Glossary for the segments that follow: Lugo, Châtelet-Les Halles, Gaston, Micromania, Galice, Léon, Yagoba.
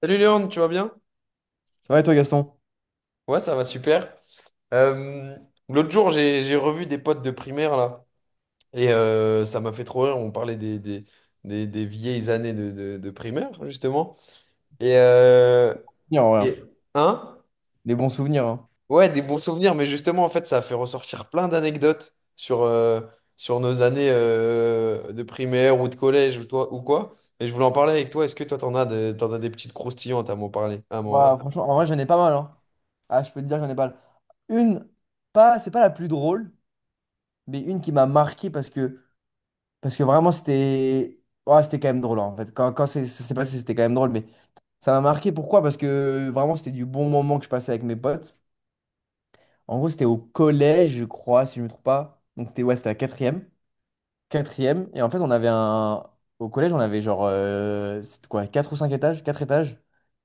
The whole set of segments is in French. Salut Léon, tu vas bien? Ça va et toi, Gaston? Ouais, ça va super. Euh, L'autre jour, j'ai revu des potes de primaire là, et ça m'a fait trop rire. On parlait des vieilles années de primaire, justement. Et, Souvenirs, en vrai, hein. et- hein? Les bons souvenirs, hein. Ouais, des bons souvenirs, mais justement, en fait, ça a fait ressortir plein d'anecdotes sur, sur nos années de primaire ou de collège ou, toi, ou quoi. Et je voulais en parler avec toi. Est-ce que toi, t'en as des petites croustillantes à m'en parler? À moi. Bah, franchement, en vrai, j'en ai pas mal, hein. Ah, je peux te dire, j'en ai pas mal. Une, pas, c'est pas la plus drôle, mais une qui m'a marqué parce que vraiment, c'était. Ouais, c'était quand même drôle, en fait. Ça s'est passé, c'était quand même drôle, mais ça m'a marqué. Pourquoi? Parce que vraiment, c'était du bon moment que je passais avec mes potes. En gros, c'était au collège, je crois, si je me trompe pas. Donc, c'était ouais, c'était la quatrième. Quatrième. Et en fait, on avait un. Au collège, on avait c'était quoi? Quatre ou cinq étages? Quatre étages.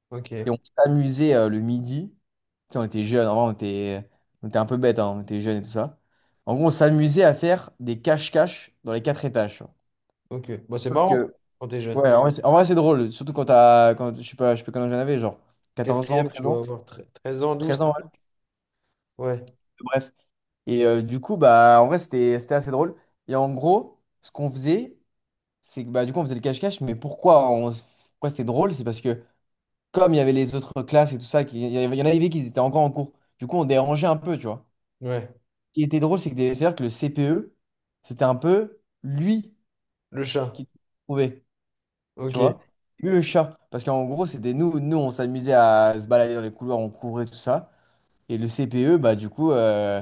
Ok, Et on s'amusait le midi. Tu sais, on était jeunes, on était un peu bêtes, hein, on était jeunes et tout ça. En gros, on s'amusait à faire des cache-cache dans les quatre étages. Tu ok. Bon, c'est Sauf marrant que, quand t'es jeune. ouais, en vrai, c'est drôle, surtout quand t'as, je sais pas quand j'en avais, genre 14 ans, Quatrième, tu 13 ans, dois avoir 13 ans, douze. 13 ans, ouais, Ouais, bref. Et du coup, bah, en vrai, c'était assez drôle. Et en gros, ce qu'on faisait, c'est que, bah, du coup, on faisait le cache-cache, mais pourquoi c'était drôle? C'est parce que comme il y avait les autres classes et tout ça, il y en avait qui étaient encore en cours. Du coup, on dérangeait un peu, tu vois. ouais. Qui était drôle, c'est c'est-à-dire que le CPE, c'était un peu lui Le chat. qui trouvait, tu Ok. vois? Lui, le chat. Parce qu'en gros, c'était nous, nous, on s'amusait à se balader dans les couloirs, on courait, tout ça. Et le CPE, bah, du coup,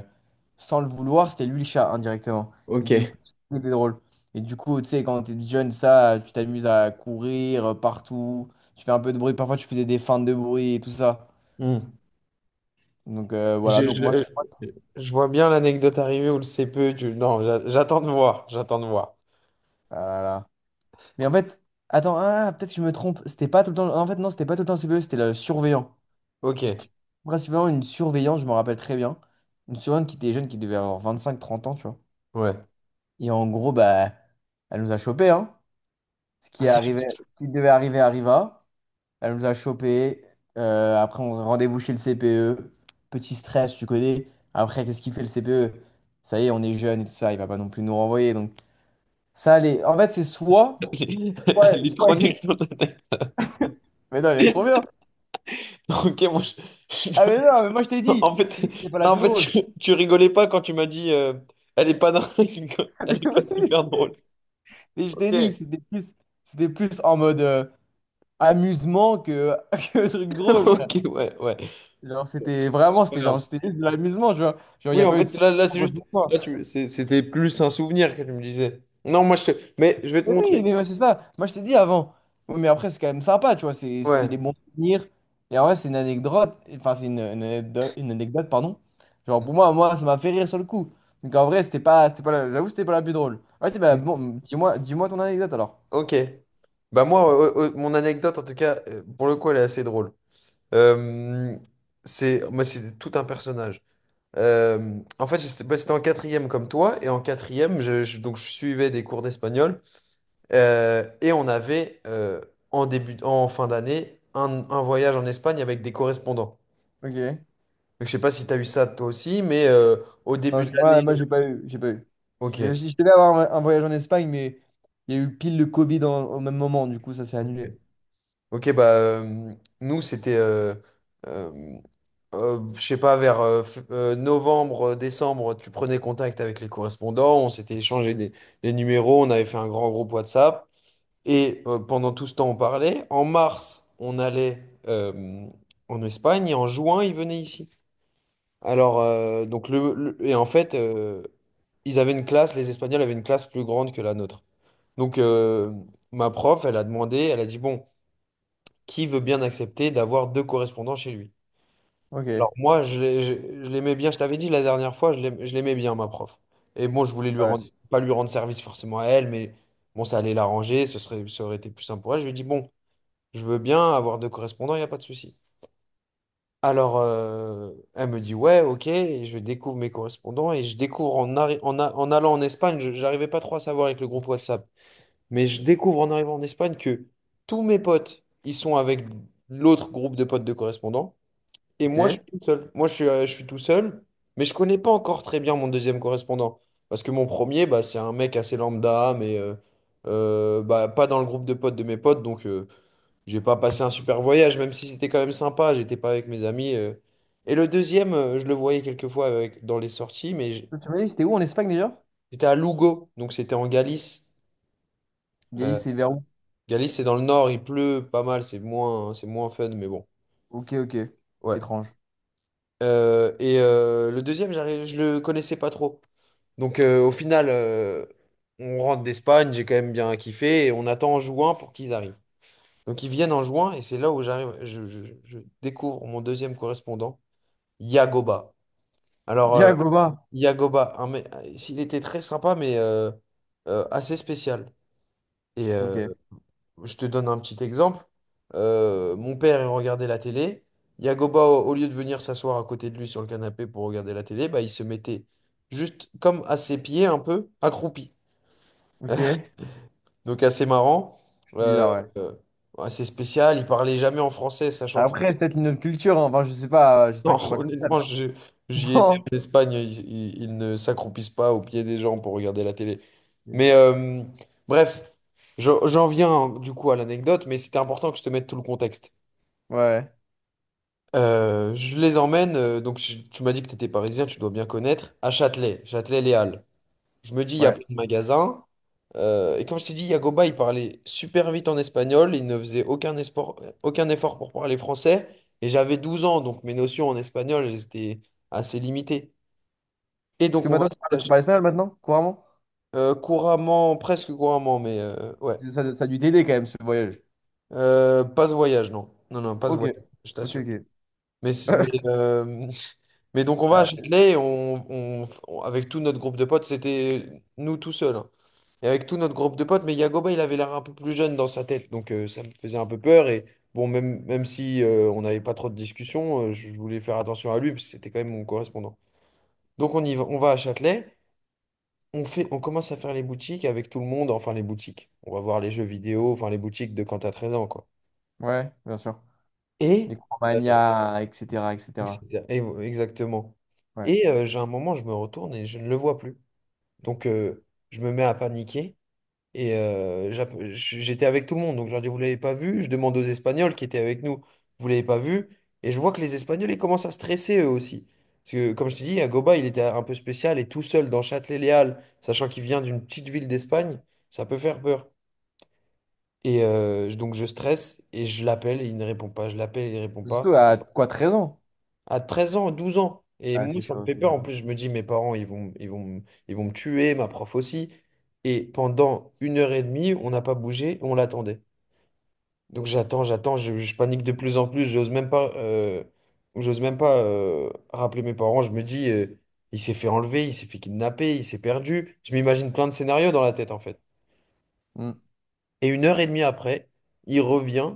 sans le vouloir, c'était lui le chat, indirectement. Et du Ok. coup, c'était drôle. Et du coup, tu sais, quand t'es jeune, ça, tu t'amuses à courir partout, tu fais un peu de bruit, parfois tu faisais des feintes de bruit et tout ça. Hmm. Donc voilà, Je, donc moi, je- ça passe. je vois bien l'anecdote arriver où le CPE. Non, j'attends de voir. J'attends de voir. Mais en fait, attends, ah, peut-être que je me trompe. C'était pas tout le temps. En fait, non, c'était pas tout le temps le CPE, c'était le surveillant. Ok. Principalement une surveillante, je me rappelle très bien. Une surveillante qui était jeune, qui devait avoir 25-30 ans, tu vois. Ouais. Et en gros, bah, elle nous a chopés, hein. Ce Ah, qui est c'est arrivé, juste. ce qui devait arriver arriva. Elle nous a chopés. Après, on rendez-vous chez le CPE. Petit stress, tu connais. Après, qu'est-ce qu'il fait le CPE? Ça y est, on est jeune et tout ça, il va pas non plus nous renvoyer. Donc, ça, les... en fait, c'est soit. Elle est Ouais, elle est soit. trop nulle ton anecdote. Mais non, elle est trop bien. Ok, Ah je- mais non, mais moi je t'ai dit, en je fait, t'ai dit que c'était pas la non, en plus fait, drôle. tu rigolais pas quand tu m'as dit elle est pas dingue, elle est pas super drôle. Mais je t'ai Ok, dit, c'était plus en mode amusement que truc drôle, frère. ok, ouais, ouais. Genre c'était vraiment, c'était genre Voilà. c'était juste de l'amusement, tu vois. Genre il n'y Oui, a en pas eu de fait, là sanction c'est quoi que juste. ce Là, soit. tu... C'était plus un souvenir que tu me disais. Non, moi, je te... Mais je vais te Mais montrer. oui, mais ouais, c'est ça. Moi je t'ai dit avant. Oui, mais après c'est quand même sympa, tu vois. C'était des Ouais. bons souvenirs. Et en vrai c'est une anecdote, enfin une anecdote, pardon. Genre pour moi, moi ça m'a fait rire sur le coup. Donc en vrai c'était pas, la- j'avoue c'était pas la plus drôle. Ouais, c'est bah bon, dis-moi ton anecdote alors. Ok. Bah moi, mon anecdote, en tout cas, pour le coup, elle est assez drôle. Euh, c'est, moi, c'est tout un personnage. En fait, j'étais bah, c'était en quatrième comme toi, et en quatrième, donc, je suivais des cours d'espagnol, et on avait, en début, en fin d'année, un voyage en Espagne avec des correspondants. Ok. Je sais pas si tu as eu ça toi aussi, mais au Non, début de l'année. moi j'ai pas eu. J'ai pas eu. Ok. Je devais avoir un voyage en Espagne, mais il y a eu pile le Covid au même moment. Du coup, ça s'est Ok, annulé. ok, bah nous c'était, euh, je sais pas, vers novembre, décembre, tu prenais contact avec les correspondants, on s'était échangé des, les numéros, on avait fait un grand groupe WhatsApp et pendant tout ce temps on parlait. En mars, on allait en Espagne et en juin, ils venaient ici. Alors, donc et en fait, ils avaient une classe, les Espagnols avaient une classe plus grande que la nôtre. Donc, ma prof, elle a demandé, elle a dit, bon, qui veut bien accepter d'avoir deux correspondants chez lui? Ok. Alors, moi, je l'aimais bien, je t'avais dit la dernière fois, je l'aimais bien, ma prof. Et bon, je voulais lui Ouais. rendre, pas lui rendre service forcément à elle, mais bon, ça allait l'arranger, ça aurait été plus simple pour elle. Je lui ai dit, bon, je veux bien avoir deux correspondants, il n'y a pas de souci. Alors, elle me dit, ouais, ok, et je découvre mes correspondants et je découvre en, arri- en, a- en allant en Espagne, je j'arrivais pas trop à savoir avec le groupe WhatsApp, mais je découvre en arrivant en Espagne que tous mes potes, ils sont avec l'autre groupe de potes de correspondants et Ok. moi, je suis tout seul. Moi, je suis tout seul, mais je connais pas encore très bien mon deuxième correspondant parce que mon premier, bah, c'est un mec assez lambda, mais bah, pas dans le groupe de potes de mes potes, donc. J'ai pas passé un super voyage, même si c'était quand même sympa. J'étais pas avec mes amis. Et le deuxième, je le voyais quelquefois avec, dans les sorties, mais Tu m'as dit, c'était où en Espagne déjà? j'étais à Lugo, donc c'était en Galice. Euh, Galice, c'est vers où? Galice, c'est dans le nord, il pleut pas mal, c'est moins, hein, c'est moins fun, mais bon. Ok, ok. Ouais. Étrange. Le deuxième, je le connaissais pas trop. Donc au final, on rentre d'Espagne, j'ai quand même bien kiffé, et on attend en juin pour qu'ils arrivent. Donc ils viennent en juin, et c'est là où j'arrive, je découvre mon deuxième correspondant, Yagoba. Alors, Yagoba. Yagoba, s'il était très sympa, mais assez spécial. Et Ok. je te donne un petit exemple. Mon père, il regardait la télé. Yagoba, au lieu de venir s'asseoir à côté de lui sur le canapé pour regarder la télé, bah, il se mettait juste comme à ses pieds, un peu accroupi. Ok. Donc, assez marrant, euh, Bizarre, ouais. euh, assez spécial. Il parlait jamais en français, sachant que Après, c'est peut-être une autre culture, hein. Enfin, je sais pas. J'espère non, qu'ils sont pas comme ça. honnêtement, mais- j'y ai été Non. en Espagne, ils ne s'accroupissent pas au pied des gens pour regarder la télé. Ok. Mais bref, j'en viens hein, du coup à l'anecdote, mais c'était important que je te mette tout le contexte. Ouais. Je les emmène, tu m'as dit que tu étais parisien, tu dois bien connaître, à Châtelet, Châtelet-Les Halles. Je me dis, il y a Ouais. plein de magasins. Et comme je t'ai dit, Yagoba, il parlait super vite en espagnol. Il ne faisait aucun effort pour parler français. Et j'avais 12 ans, donc mes notions en espagnol, elles étaient assez limitées. Et Parce que donc, on va maintenant, tu parles espagnol maintenant, couramment? Couramment, presque couramment, mais ouais. Ça a dû t'aider quand même, ce voyage. Pas ce voyage, non. Non, non, pas ce Ok. voyage, je Ok, t'assure. ok. Mais, c- mais, euh, mais donc, on va à Châtelet, et avec tout notre groupe de potes, c'était nous tout seuls. Hein. Et avec tout notre groupe de potes, mais Yagoba, il avait l'air un peu plus jeune dans sa tête, donc ça me faisait un peu peur. Et bon, même si on n'avait pas trop de discussions, je voulais faire attention à lui, parce que c'était quand même mon correspondant. Donc on y va, on va à Châtelet, on commence à faire les boutiques avec tout le monde, enfin les boutiques. On va voir les jeux vidéo, enfin les boutiques de quand t'as 13 ans, quoi. Ouais, bien sûr. Et, euh, Micromania, etc., etc. etc. Exactement. Ouais. Et j'ai un moment, je me retourne et je ne le vois plus. Donc je me mets à paniquer. Et j'étais avec tout le monde, donc je leur dis, vous l'avez pas vu? Je demande aux Espagnols qui étaient avec nous, vous l'avez pas vu? Et je vois que les Espagnols, ils commencent à stresser eux aussi. Parce que, comme je te dis, Agoba, il était un peu spécial et tout seul dans Châtelet-Léal, sachant qu'il vient d'une petite ville d'Espagne, ça peut faire peur. Et donc je stresse et je l'appelle et il ne répond pas, je l'appelle et il ne répond pas. Surtout à quoi, 13 ans? À 13 ans, 12 ans. Et Ah, moi, c'est ça me chaud, fait c'est peur. En chaud. plus, je me dis, mes parents, ils vont me tuer, ma prof aussi. Et pendant 1 h 30, on n'a pas bougé, on l'attendait. Donc j'attends, j'attends, je panique de plus en plus, j'ose même pas rappeler mes parents, je me dis, il s'est fait enlever, il s'est fait kidnapper, il s'est perdu, je m'imagine plein de scénarios dans la tête en fait. Hmm. Et 1 h 30 après, il revient,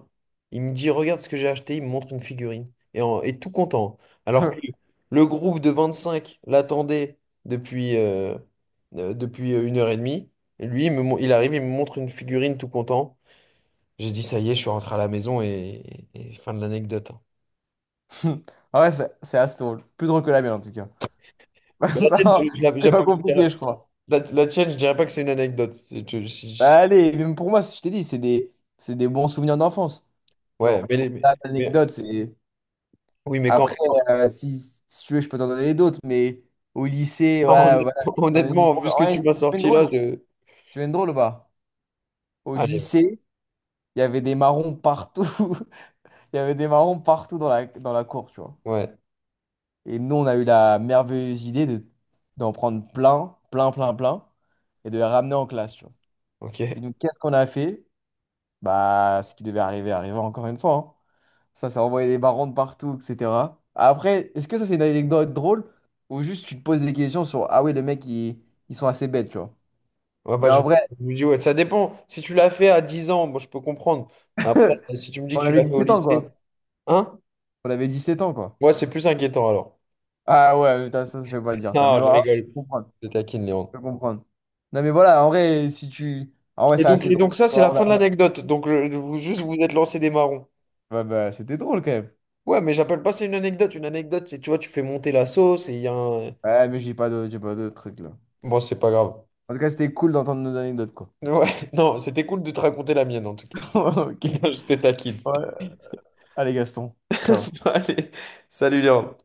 il me dit, regarde ce que j'ai acheté, il me montre une figurine, et tout content. Hein. Alors que le groupe de 25 l'attendait depuis, depuis 1 h 30. Et lui, il arrive, il me montre une figurine tout content. J'ai dit, ça y est, je suis rentré à la maison et fin de l'anecdote. Hein. Ah ouais, c'est assez drôle. Plus drôle que la mienne, en tout cas. Mais la tienne, Ça, je la, c'était j'app- pas compliqué, je crois. la- la tienne, je dirais pas que c'est une anecdote. Bah, allez, même pour moi, si je t'ai dit, c'est des bons souvenirs d'enfance. Ouais, Genre, mais, au-delà de mais- l'anecdote, c'est... oui, mais Après, euh, si, si tu veux, je peux t'en donner d'autres, mais au lycée, quand voilà, voilà. honnêtement, T'en as une honnêtement, vu drôle. ce que tu Ouais, m'as tu veux une sorti là, drôle. je... Tu veux une drôle ou pas? Au Allez, lycée, il y avait des marrons partout. Il y avait des marrons partout dans dans la cour, tu vois. ouais, Et nous, on a eu la merveilleuse idée d'en prendre plein, plein, plein, plein, et de les ramener en classe, tu vois. Et ok. donc, qu'est-ce qu'on a fait? Bah, ce qui devait arriver, arriva encore une fois, hein. Ça envoyait des marrons de partout, etc. Après, est-ce que ça, c'est une anecdote drôle? Ou juste, tu te poses des questions sur, ah oui, ils sont assez bêtes, tu vois. Ouais, bah, Mais en vrai, je vous dis, ouais, ça dépend. Si tu l'as fait à 10 ans, moi, je peux comprendre. Après, si tu me dis que on tu avait l'as fait dix au sept ans, lycée, quoi. hein? On avait 17 ans, quoi. Moi, c'est plus inquiétant alors. Ah ouais, putain, ça se fait pas dire, ça. Mais Non, bon, je ah, je rigole. comprends. Je taquine, Léon. Je peux comprendre. Non, mais voilà, en vrai, si tu. En vrai, c'est assez Et donc drôle. ça, Tu c'est vois, la fin de l'anecdote. Donc, vous, juste, vous êtes lancé des marrons. ouais, bah, c'était drôle quand même. Ouais, mais j'appelle pas ça une anecdote. Une anecdote, c'est, tu vois, tu fais monter la sauce et il y a un... Ouais, mais j'ai pas de trucs là. Bon, c'est pas grave. En tout cas, c'était cool d'entendre nos anecdotes, quoi. Ouais, non, c'était cool de te raconter la mienne, en tout cas. Ok. Non, je te taquine. Ouais. Allez, Gaston. Ciao. Allez, salut Léon.